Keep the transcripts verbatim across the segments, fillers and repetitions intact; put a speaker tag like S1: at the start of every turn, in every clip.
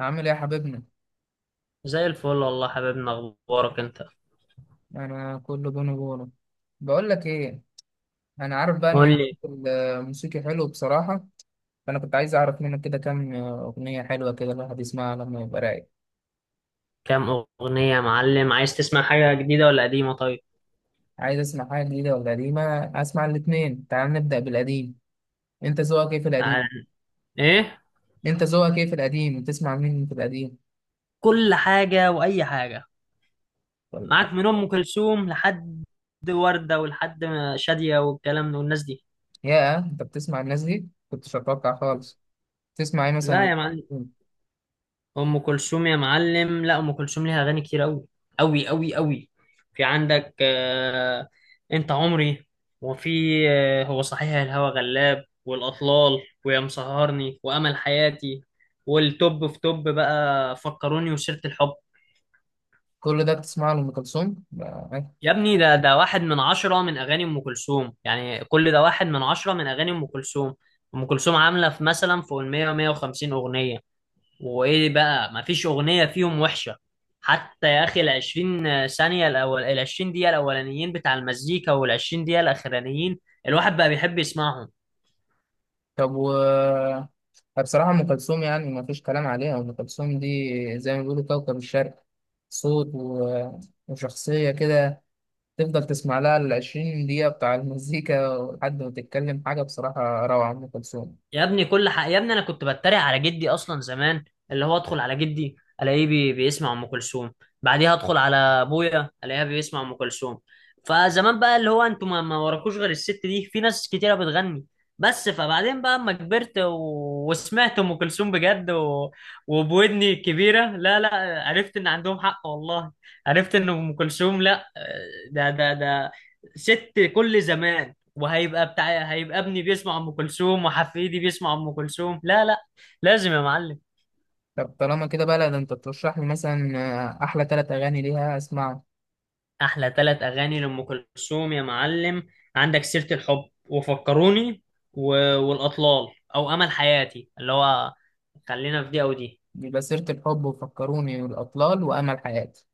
S1: عامل ايه يا حبيبنا؟
S2: زي الفل والله. حبيبنا اخبارك انت؟
S1: انا كله بونو بونو. بقول لك ايه، انا عارف بقى ان
S2: قول
S1: ذوقك
S2: لي.
S1: الموسيقي حلو بصراحه، فانا كنت عايز اعرف منك كده كام اغنيه حلوه كده الواحد يسمعها لما يبقى رايق.
S2: كام اغنيه يا معلم؟ عايز تسمع حاجه جديده ولا قديمه؟ طيب
S1: عايز اسمع حاجه جديده ولا قديمه؟ اسمع الاتنين. تعال نبدا بالقديم. انت ذوقك ايه في القديم
S2: تعال. ايه؟
S1: انت ذوقك ايه في القديم، بتسمع مين في القديم؟
S2: كل حاجه واي حاجه.
S1: ولا حاجه.
S2: معاك من ام كلثوم لحد ورده ولحد شاديه والكلام ده والناس دي.
S1: يا انت بتسمع الناس دي، كنتش اتوقع خالص. تسمع ايه
S2: لا
S1: مثلا؟
S2: يا معلم، ام كلثوم يا معلم. لا، ام كلثوم ليها اغاني كتير قوي قوي قوي قوي. في عندك آه انت عمري، وفي آه هو صحيح الهوى غلاب، والاطلال، ويا مسهرني، وامل حياتي، والتوب في توب بقى فكروني وسيرة الحب.
S1: كل ده بتسمعه لأم كلثوم؟
S2: يا ابني ده ده واحد من عشرة من اغاني ام كلثوم، يعني كل ده واحد من عشرة من اغاني ام كلثوم. ام كلثوم عاملة في مثلا فوق ال مية مية وخمسين اغنية، وايه بقى، مفيش اغنيه فيهم وحشه. حتى يا اخي العشرين ثانيه الاول، العشرين دقيقه الاولانيين بتاع المزيكا والعشرين دقيقه الاخرانيين، الواحد بقى بيحب يسمعهم.
S1: طب. و بصراحة أم كلثوم يعني ما فيش كلام عليها. أم كلثوم دي زي ما بيقولوا كوكب الشرق. صوت و... وشخصية كده. تفضل تسمع لها العشرين دقيقة بتاع المزيكا لحد ما تتكلم حاجة. بصراحة روعة أم كلثوم.
S2: يا ابني كل حق، يا ابني انا كنت بتريق على جدي اصلا زمان، اللي هو ادخل على جدي الاقيه بي... بيسمع ام كلثوم، بعديها ادخل على ابويا الاقيها بيسمع ام كلثوم. فزمان بقى اللي هو انتوا ما, ما وراكوش غير الست دي، في ناس كتيره بتغني بس. فبعدين بقى اما كبرت و... وسمعت ام كلثوم بجد، و... وبودني الكبيره، لا لا عرفت ان عندهم حق والله. عرفت ان ام كلثوم لا، ده ده ده ست كل زمان. وهيبقى بتاع، هيبقى ابني بيسمع ام كلثوم وحفيدي بيسمع ام كلثوم. لا لا، لازم يا معلم.
S1: طب طالما كده بقى، لا ده أنت ترشح لي مثلا أحلى تلات أغاني ليها أسمعهم.
S2: احلى ثلاث اغاني لام كلثوم يا معلم، عندك سيرة الحب وفكروني و... والاطلال، او امل حياتي اللي هو، خلينا في دي او دي.
S1: يبقى سيرة الحب وفكروني والأطلال وأمل حياتي.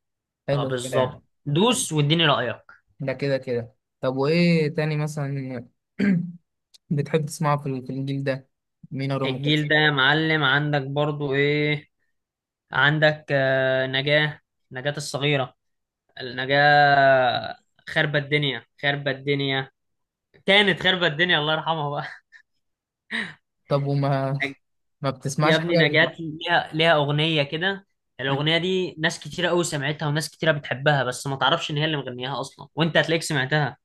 S2: اه
S1: حلو الكلام.
S2: بالظبط،
S1: طب،
S2: دوس واديني رايك.
S1: ده كده كده. طب وإيه تاني مثلا؟ بتحب تسمعه في ال- في الجيل ده؟ مين أو أم
S2: الجيل
S1: كلثوم؟
S2: ده يا معلم، عندك برضو ايه، عندك آه، نجاة، نجاة الصغيرة، النجاة. خربت الدنيا، خربت الدنيا، كانت خربت الدنيا الله يرحمها.
S1: طب. وما
S2: نج-
S1: ما
S2: يا
S1: بتسمعش
S2: ابني
S1: حاجة؟
S2: نجاة ليها ليها أغنية كده، الأغنية دي ناس كتيرة أوي سمعتها وناس كتيرة بتحبها بس ما تعرفش إن هي اللي مغنياها أصلا، وأنت هتلاقيك سمعتها.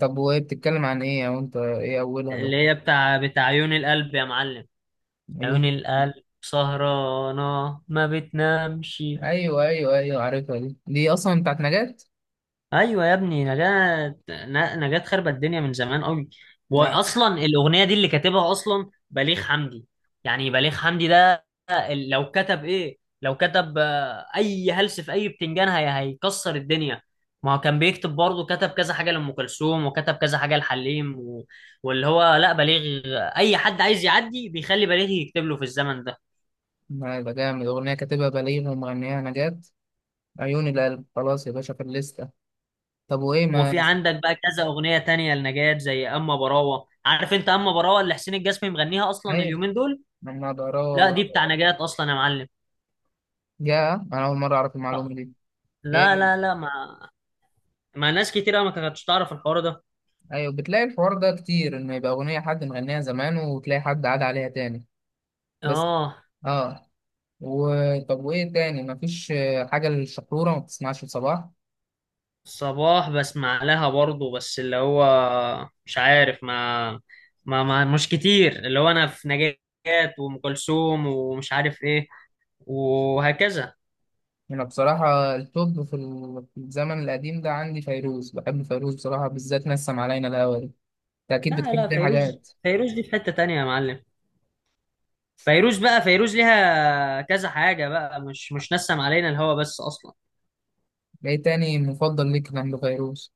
S1: طب وهي بتتكلم عن إيه أو أنت إيه أولها
S2: اللي
S1: لو-
S2: هي بتاع بتاع عيون القلب يا معلم، عيون
S1: أيوه.
S2: القلب سهرانة ما بتنامش.
S1: أيوه أيوه أيوه، عارفها. دي دي أصلا بتاعت نجاة.
S2: ايوه يا ابني نجاة، ن- نجاة خربت الدنيا من زمان قوي.
S1: لا
S2: واصلا الاغنيه دي اللي كاتبها اصلا بليغ حمدي. يعني بليغ حمدي ده لو كتب ايه، لو كتب آه، اي هلس في اي بتنجان، هي هيكسر الدنيا. ما هو كان بيكتب برضه، كتب كذا حاجه لام كلثوم وكتب كذا حاجه لحليم، و... واللي هو لا بليغ، اي حد عايز يعدي بيخلي بليغ يكتب له في الزمن ده.
S1: لا، ده جامد. أغنية كاتبها بليغ ومغنيها نجاة. عيون القلب خلاص يا باشا في الليستة. طب وإيه ما
S2: وفي عندك بقى كذا اغنيه تانية لنجاة، زي اما براوه، عارف انت اما براوه اللي حسين الجسمي مغنيها اصلا
S1: أيوه.
S2: اليومين دول؟
S1: ما ضراها
S2: لا دي بتاع
S1: برضه.
S2: نجاة اصلا يا معلم.
S1: يا أنا أول مرة أعرف المعلومة دي. هي
S2: لا
S1: اللي-
S2: لا لا، ما ما ناس كتير أوي ما كانتش تعرف الحوار ده.
S1: أيوه. بتلاقي الحوار ده كتير، إن يبقى أغنية حد مغنيها زمان وتلاقي حد عاد عليها تاني. بس.
S2: اه.
S1: اه. و... طب وايه تاني؟ مفيش آه، حاجة للشحرورة؟ ما بتسمعش لصباح؟
S2: صباح بسمع لها برضه، بس اللي هو مش عارف، ما ما, ما مش كتير. اللي هو انا في نجاة وام كلثوم ومش عارف ايه، وهكذا.
S1: انا بصراحة التوب في ال- في الزمن القديم ده عندي فيروز. بحب فيروز بصراحة، بالذات نسم علينا الهوا دي. انت اكيد
S2: لا لا،
S1: بتحب دي
S2: فيروز،
S1: حاجات.
S2: فيروز دي في حتة تانية يا معلم. فيروز بقى فيروز ليها كذا حاجة بقى، مش مش نسم علينا الهوا بس أصلا.
S1: ايه تاني مفضل ليك عند فيروز؟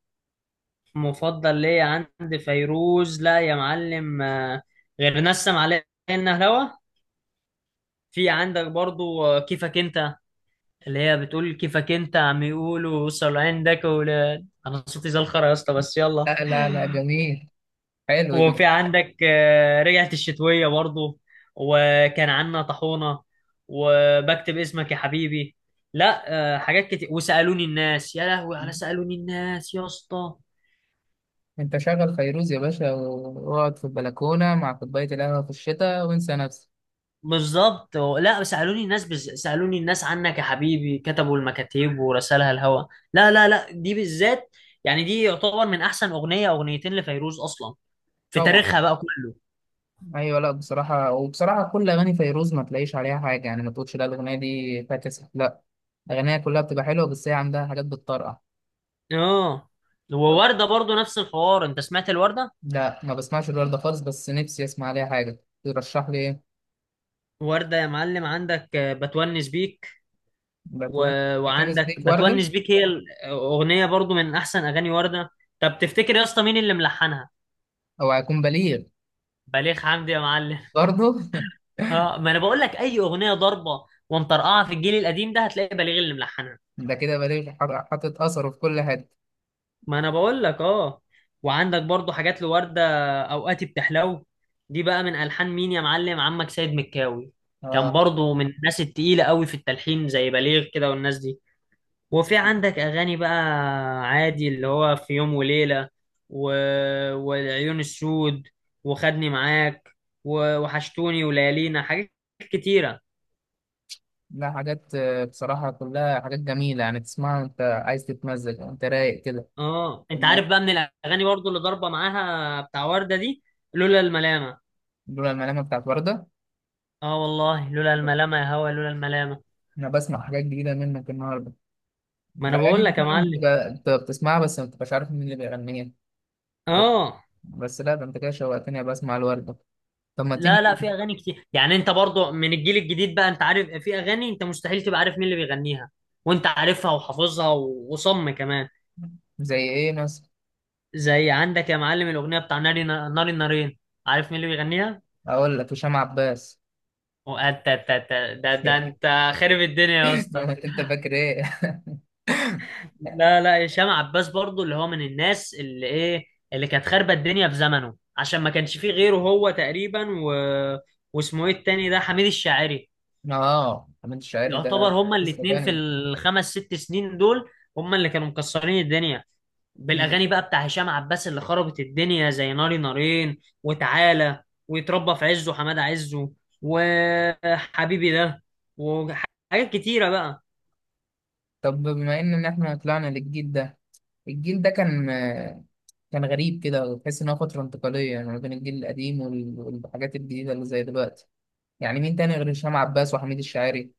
S2: مفضل ليا عند فيروز؟ لا يا معلم، آه، غير نسم علينا الهوا، في عندك برضو آه، كيفك أنت، اللي هي بتقول كيفك أنت عم يقولوا وصل عندك ولاد. أنا صوتي زي الخرا يا اسطى بس يلا.
S1: لا لا لا، جميل. حلو يبقى.
S2: وفي عندك آه، رجعت الشتوية برضو، وكان عنا طحونة، وبكتب اسمك يا حبيبي. لا، آه، حاجات كتير. وسألوني الناس يا لهوي، على سألوني الناس يا اسطى.
S1: انت شغل فيروز يا باشا واقعد في البلكونة مع كوباية القهوة في الشتاء وانسى نفسك.
S2: بالظبط. لا سألوني الناس بز... سألوني الناس عنك يا حبيبي كتبوا المكاتيب ورسالها الهوا. لا لا لا، دي بالذات يعني دي يعتبر من أحسن أغنية، أغنيتين لفيروز أصلا في
S1: طبعا.
S2: تاريخها بقى كله.
S1: ايوه. لا بصراحه، وبصراحه كل اغاني فيروز ما تلاقيش عليها حاجه، يعني ما تقولش لا الاغنيه دي فاكس، لا. اغانيها كلها بتبقى حلوه، بس هي عندها حاجات بتطرقع.
S2: اه. ووردة برضو نفس الحوار، انت سمعت الوردة؟
S1: لا، ما بسمعش الورده خالص، بس نفسي اسمع عليها حاجه. ترشح لي ايه؟
S2: وردة يا معلم عندك آه، بتونس بيك، و...
S1: بتوين؟ ده كان
S2: وعندك
S1: سبيك ورده.
S2: بتونس بيك هي الأغنية برضو من أحسن أغاني وردة. طب تفتكر يا اسطى مين اللي ملحنها؟
S1: او هيكون بليغ؟
S2: بليغ حمدي يا معلم
S1: برضه.
S2: اه ما أنا بقول لك، أي أغنية ضربة ومطرقعة في الجيل القديم ده هتلاقي بليغ اللي ملحنها.
S1: ده كده بليغ حر- حاطط اثره في كل حته.
S2: ما أنا بقول لك اه. وعندك برضو حاجات لوردة، أوقاتي بتحلو، دي بقى من ألحان مين يا معلم؟ عمك سيد مكاوي، كان
S1: اه.
S2: برضو من الناس التقيلة قوي في التلحين زي بليغ كده والناس دي. وفي عندك أغاني بقى عادي، اللي هو في يوم وليلة، و... والعيون السود، وخدني معاك، و... وحشتوني وليالينا، حاجات كتيرة.
S1: لا حاجات، آه، بصراحه كلها حاجات جميله يعني، تسمعها وانت عايز تتمزج وانت رايق كده.
S2: اه انت عارف
S1: لما-
S2: بقى من الأغاني برضو اللي ضاربة معاها بتاع وردة دي، لولا الملامة.
S1: لولا الملامه بتاعت ورده.
S2: اه والله لولا الملامة يا هوا، لولا الملامة.
S1: انا بسمع حاجات جديده منك النهارده.
S2: ما انا
S1: الاغاني
S2: بقول
S1: دي
S2: لك يا
S1: فعلا
S2: معلم.
S1: بتبقى انت بتسمعها بس ما بتبقاش عارف مين اللي بيغنيها. بس,
S2: اه.
S1: بس لا ده انت كده شوقتني أبقى اسمع الورده. طب ما
S2: لا لا،
S1: تيجي.
S2: في أغاني كتير يعني. انت برضو من الجيل الجديد بقى، انت عارف، في أغاني انت مستحيل تبقى عارف مين اللي بيغنيها، وانت عارفها وحافظها و- وصم كمان.
S1: زي ايه مثلا؟
S2: زي عندك يا معلم الأغنية بتاع ناري، ناري نارين، عارف مين اللي بيغنيها؟
S1: اقول لك هشام عباس.
S2: وأنت- أنت- أنت- ده ده أنت خارب الدنيا يا اسطى.
S1: انت فاكر ايه؟
S2: لا لا، هشام عباس برضو اللي هو من الناس اللي إيه، اللي كانت خاربة الدنيا في زمنه عشان ما كانش فيه غيره هو تقريبا، و... واسمه إيه التاني ده، حميد الشاعري.
S1: اه حميد الشاعري
S2: يعتبر
S1: ده
S2: هما
S1: قصه
S2: الاتنين في
S1: تانية.
S2: الخمس ست سنين دول، هما اللي كانوا مكسرين الدنيا
S1: مم.
S2: بالاغاني بقى. بتاع هشام عباس اللي خربت الدنيا زي ناري نارين، وتعالى، ويتربى في عزه حماد عزه، وحبيبي ده، وحاجات كتيره بقى.
S1: طب بما ان إن احنا طلعنا للجيل ده. الجيل ده كان كان غريب كده، وتحس ان هو فتره انتقاليه، يعني ما بين الجيل القديم وال- والحاجات الجديده اللي زي دلوقتي. يعني مين تاني غير هشام عباس وحميد الشاعري؟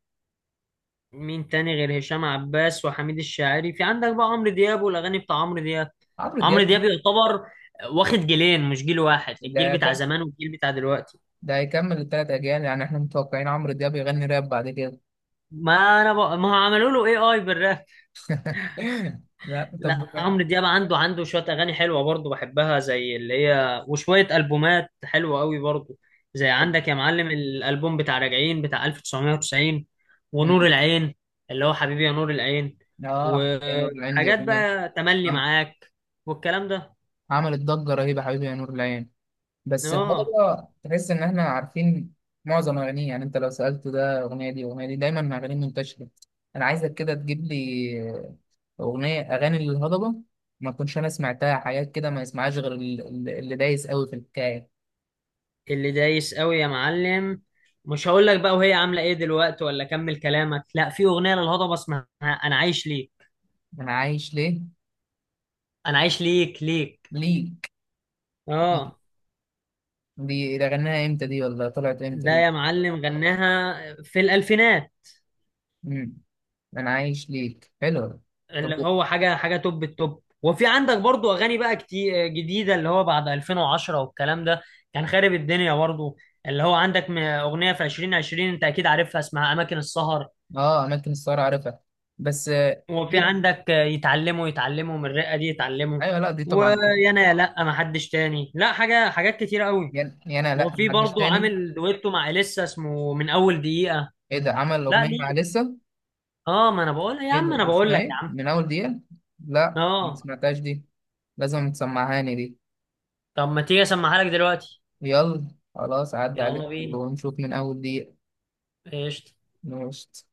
S2: مين تاني غير هشام عباس وحميد الشاعري؟ في عندك بقى عمرو دياب والاغاني بتاع عمرو دياب.
S1: عمرو
S2: عمرو
S1: دياب.
S2: دياب يعتبر واخد جيلين مش جيل واحد، الجيل
S1: ده ده,
S2: بتاع زمان والجيل بتاع دلوقتي.
S1: ده هيكمل التلات أجيال. يعني إحنا متوقعين عمرو دياب يغني راب بعد كده.
S2: ما انا بقى ما عملوا له اي اي.
S1: لا طب.
S2: لا عمرو دياب عنده، عنده شوية أغاني حلوة برضه بحبها زي اللي هي، وشوية ألبومات حلوة قوي برضه. زي
S1: طب.
S2: عندك يا معلم الألبوم بتاع راجعين بتاع ألف وتسعمية وتسعين، ونور
S1: مم.
S2: العين، اللي هو حبيبي يا نور العين،
S1: آه يا نور العين دي
S2: وحاجات
S1: أغنية.
S2: بقى تملي
S1: عم-
S2: معاك والكلام ده.
S1: عملت ضجة رهيبة حبيبي يا نور العين. بس
S2: اه.
S1: الهضبة تحس إن إحنا عارفين معظم أغانيه. يعني أنت لو سألته ده أغنية دي أغنية دي، دايما أغانيه منتشرة. أنا عايزك كده تجيب لي أغنية، أغاني للهضبة ما كنتش أنا سمعتها. حاجات كده ما يسمعهاش غير ال- ال- اللي دايس قوي في الحكاية.
S2: اللي دايس قوي يا معلم، مش هقول لك بقى وهي عاملة ايه دلوقتي، ولا كمل كلامك. لا في أغنية للهضبة اسمها أنا عايش ليك.
S1: انا عايش ليه
S2: أنا عايش ليك، ليك.
S1: ليك ليك.
S2: اه.
S1: دي ده غناها امتى دي ولا طلعت امتى
S2: ده
S1: دي؟
S2: يا معلم غناها في الألفينات.
S1: امم انا عايش ليك حلو. طب.
S2: اللي هو حاجة حاجة توب التوب. وفي عندك برضو أغاني بقى كتير جديدة، اللي هو بعد ألفين وعشرة والكلام ده كان خارب الدنيا برضو. اللي هو عندك م- أغنية في ألفين وعشرين أنت أكيد عارفها اسمها أماكن السهر.
S1: اه اماكن السهر عارفها، بس آه،
S2: وفي
S1: دي.
S2: عندك يتعلموا، يتعلموا من الرقة دي يتعلموا،
S1: ايوه. لا دي طبعا.
S2: ويانا يا لأ ما حدش تاني، لا حاجة حاجات كتير قوي.
S1: يعني يعني انا لا
S2: وفي
S1: محدش
S2: برضو
S1: تاني.
S2: عامل دويتو مع إليسا اسمه من أول دقيقة.
S1: ايه ده عمل
S2: لا
S1: اغنيه
S2: ليه.
S1: مع لسه؟
S2: اه ما انا بقول يا
S1: ايه
S2: عم، انا
S1: ده
S2: بقول
S1: اسمها
S2: لك يا
S1: ايه
S2: عم.
S1: من اول دقيقه؟ لا ما
S2: اه.
S1: سمعتهاش دي. لازم تسمعهاني دي.
S2: طب ما تيجي اسمعها لك دلوقتي.
S1: يلا. خلاص عدى عليك
S2: يلا بينا،
S1: ونشوف من اول دقيقه.
S2: قشطة.
S1: ماشي.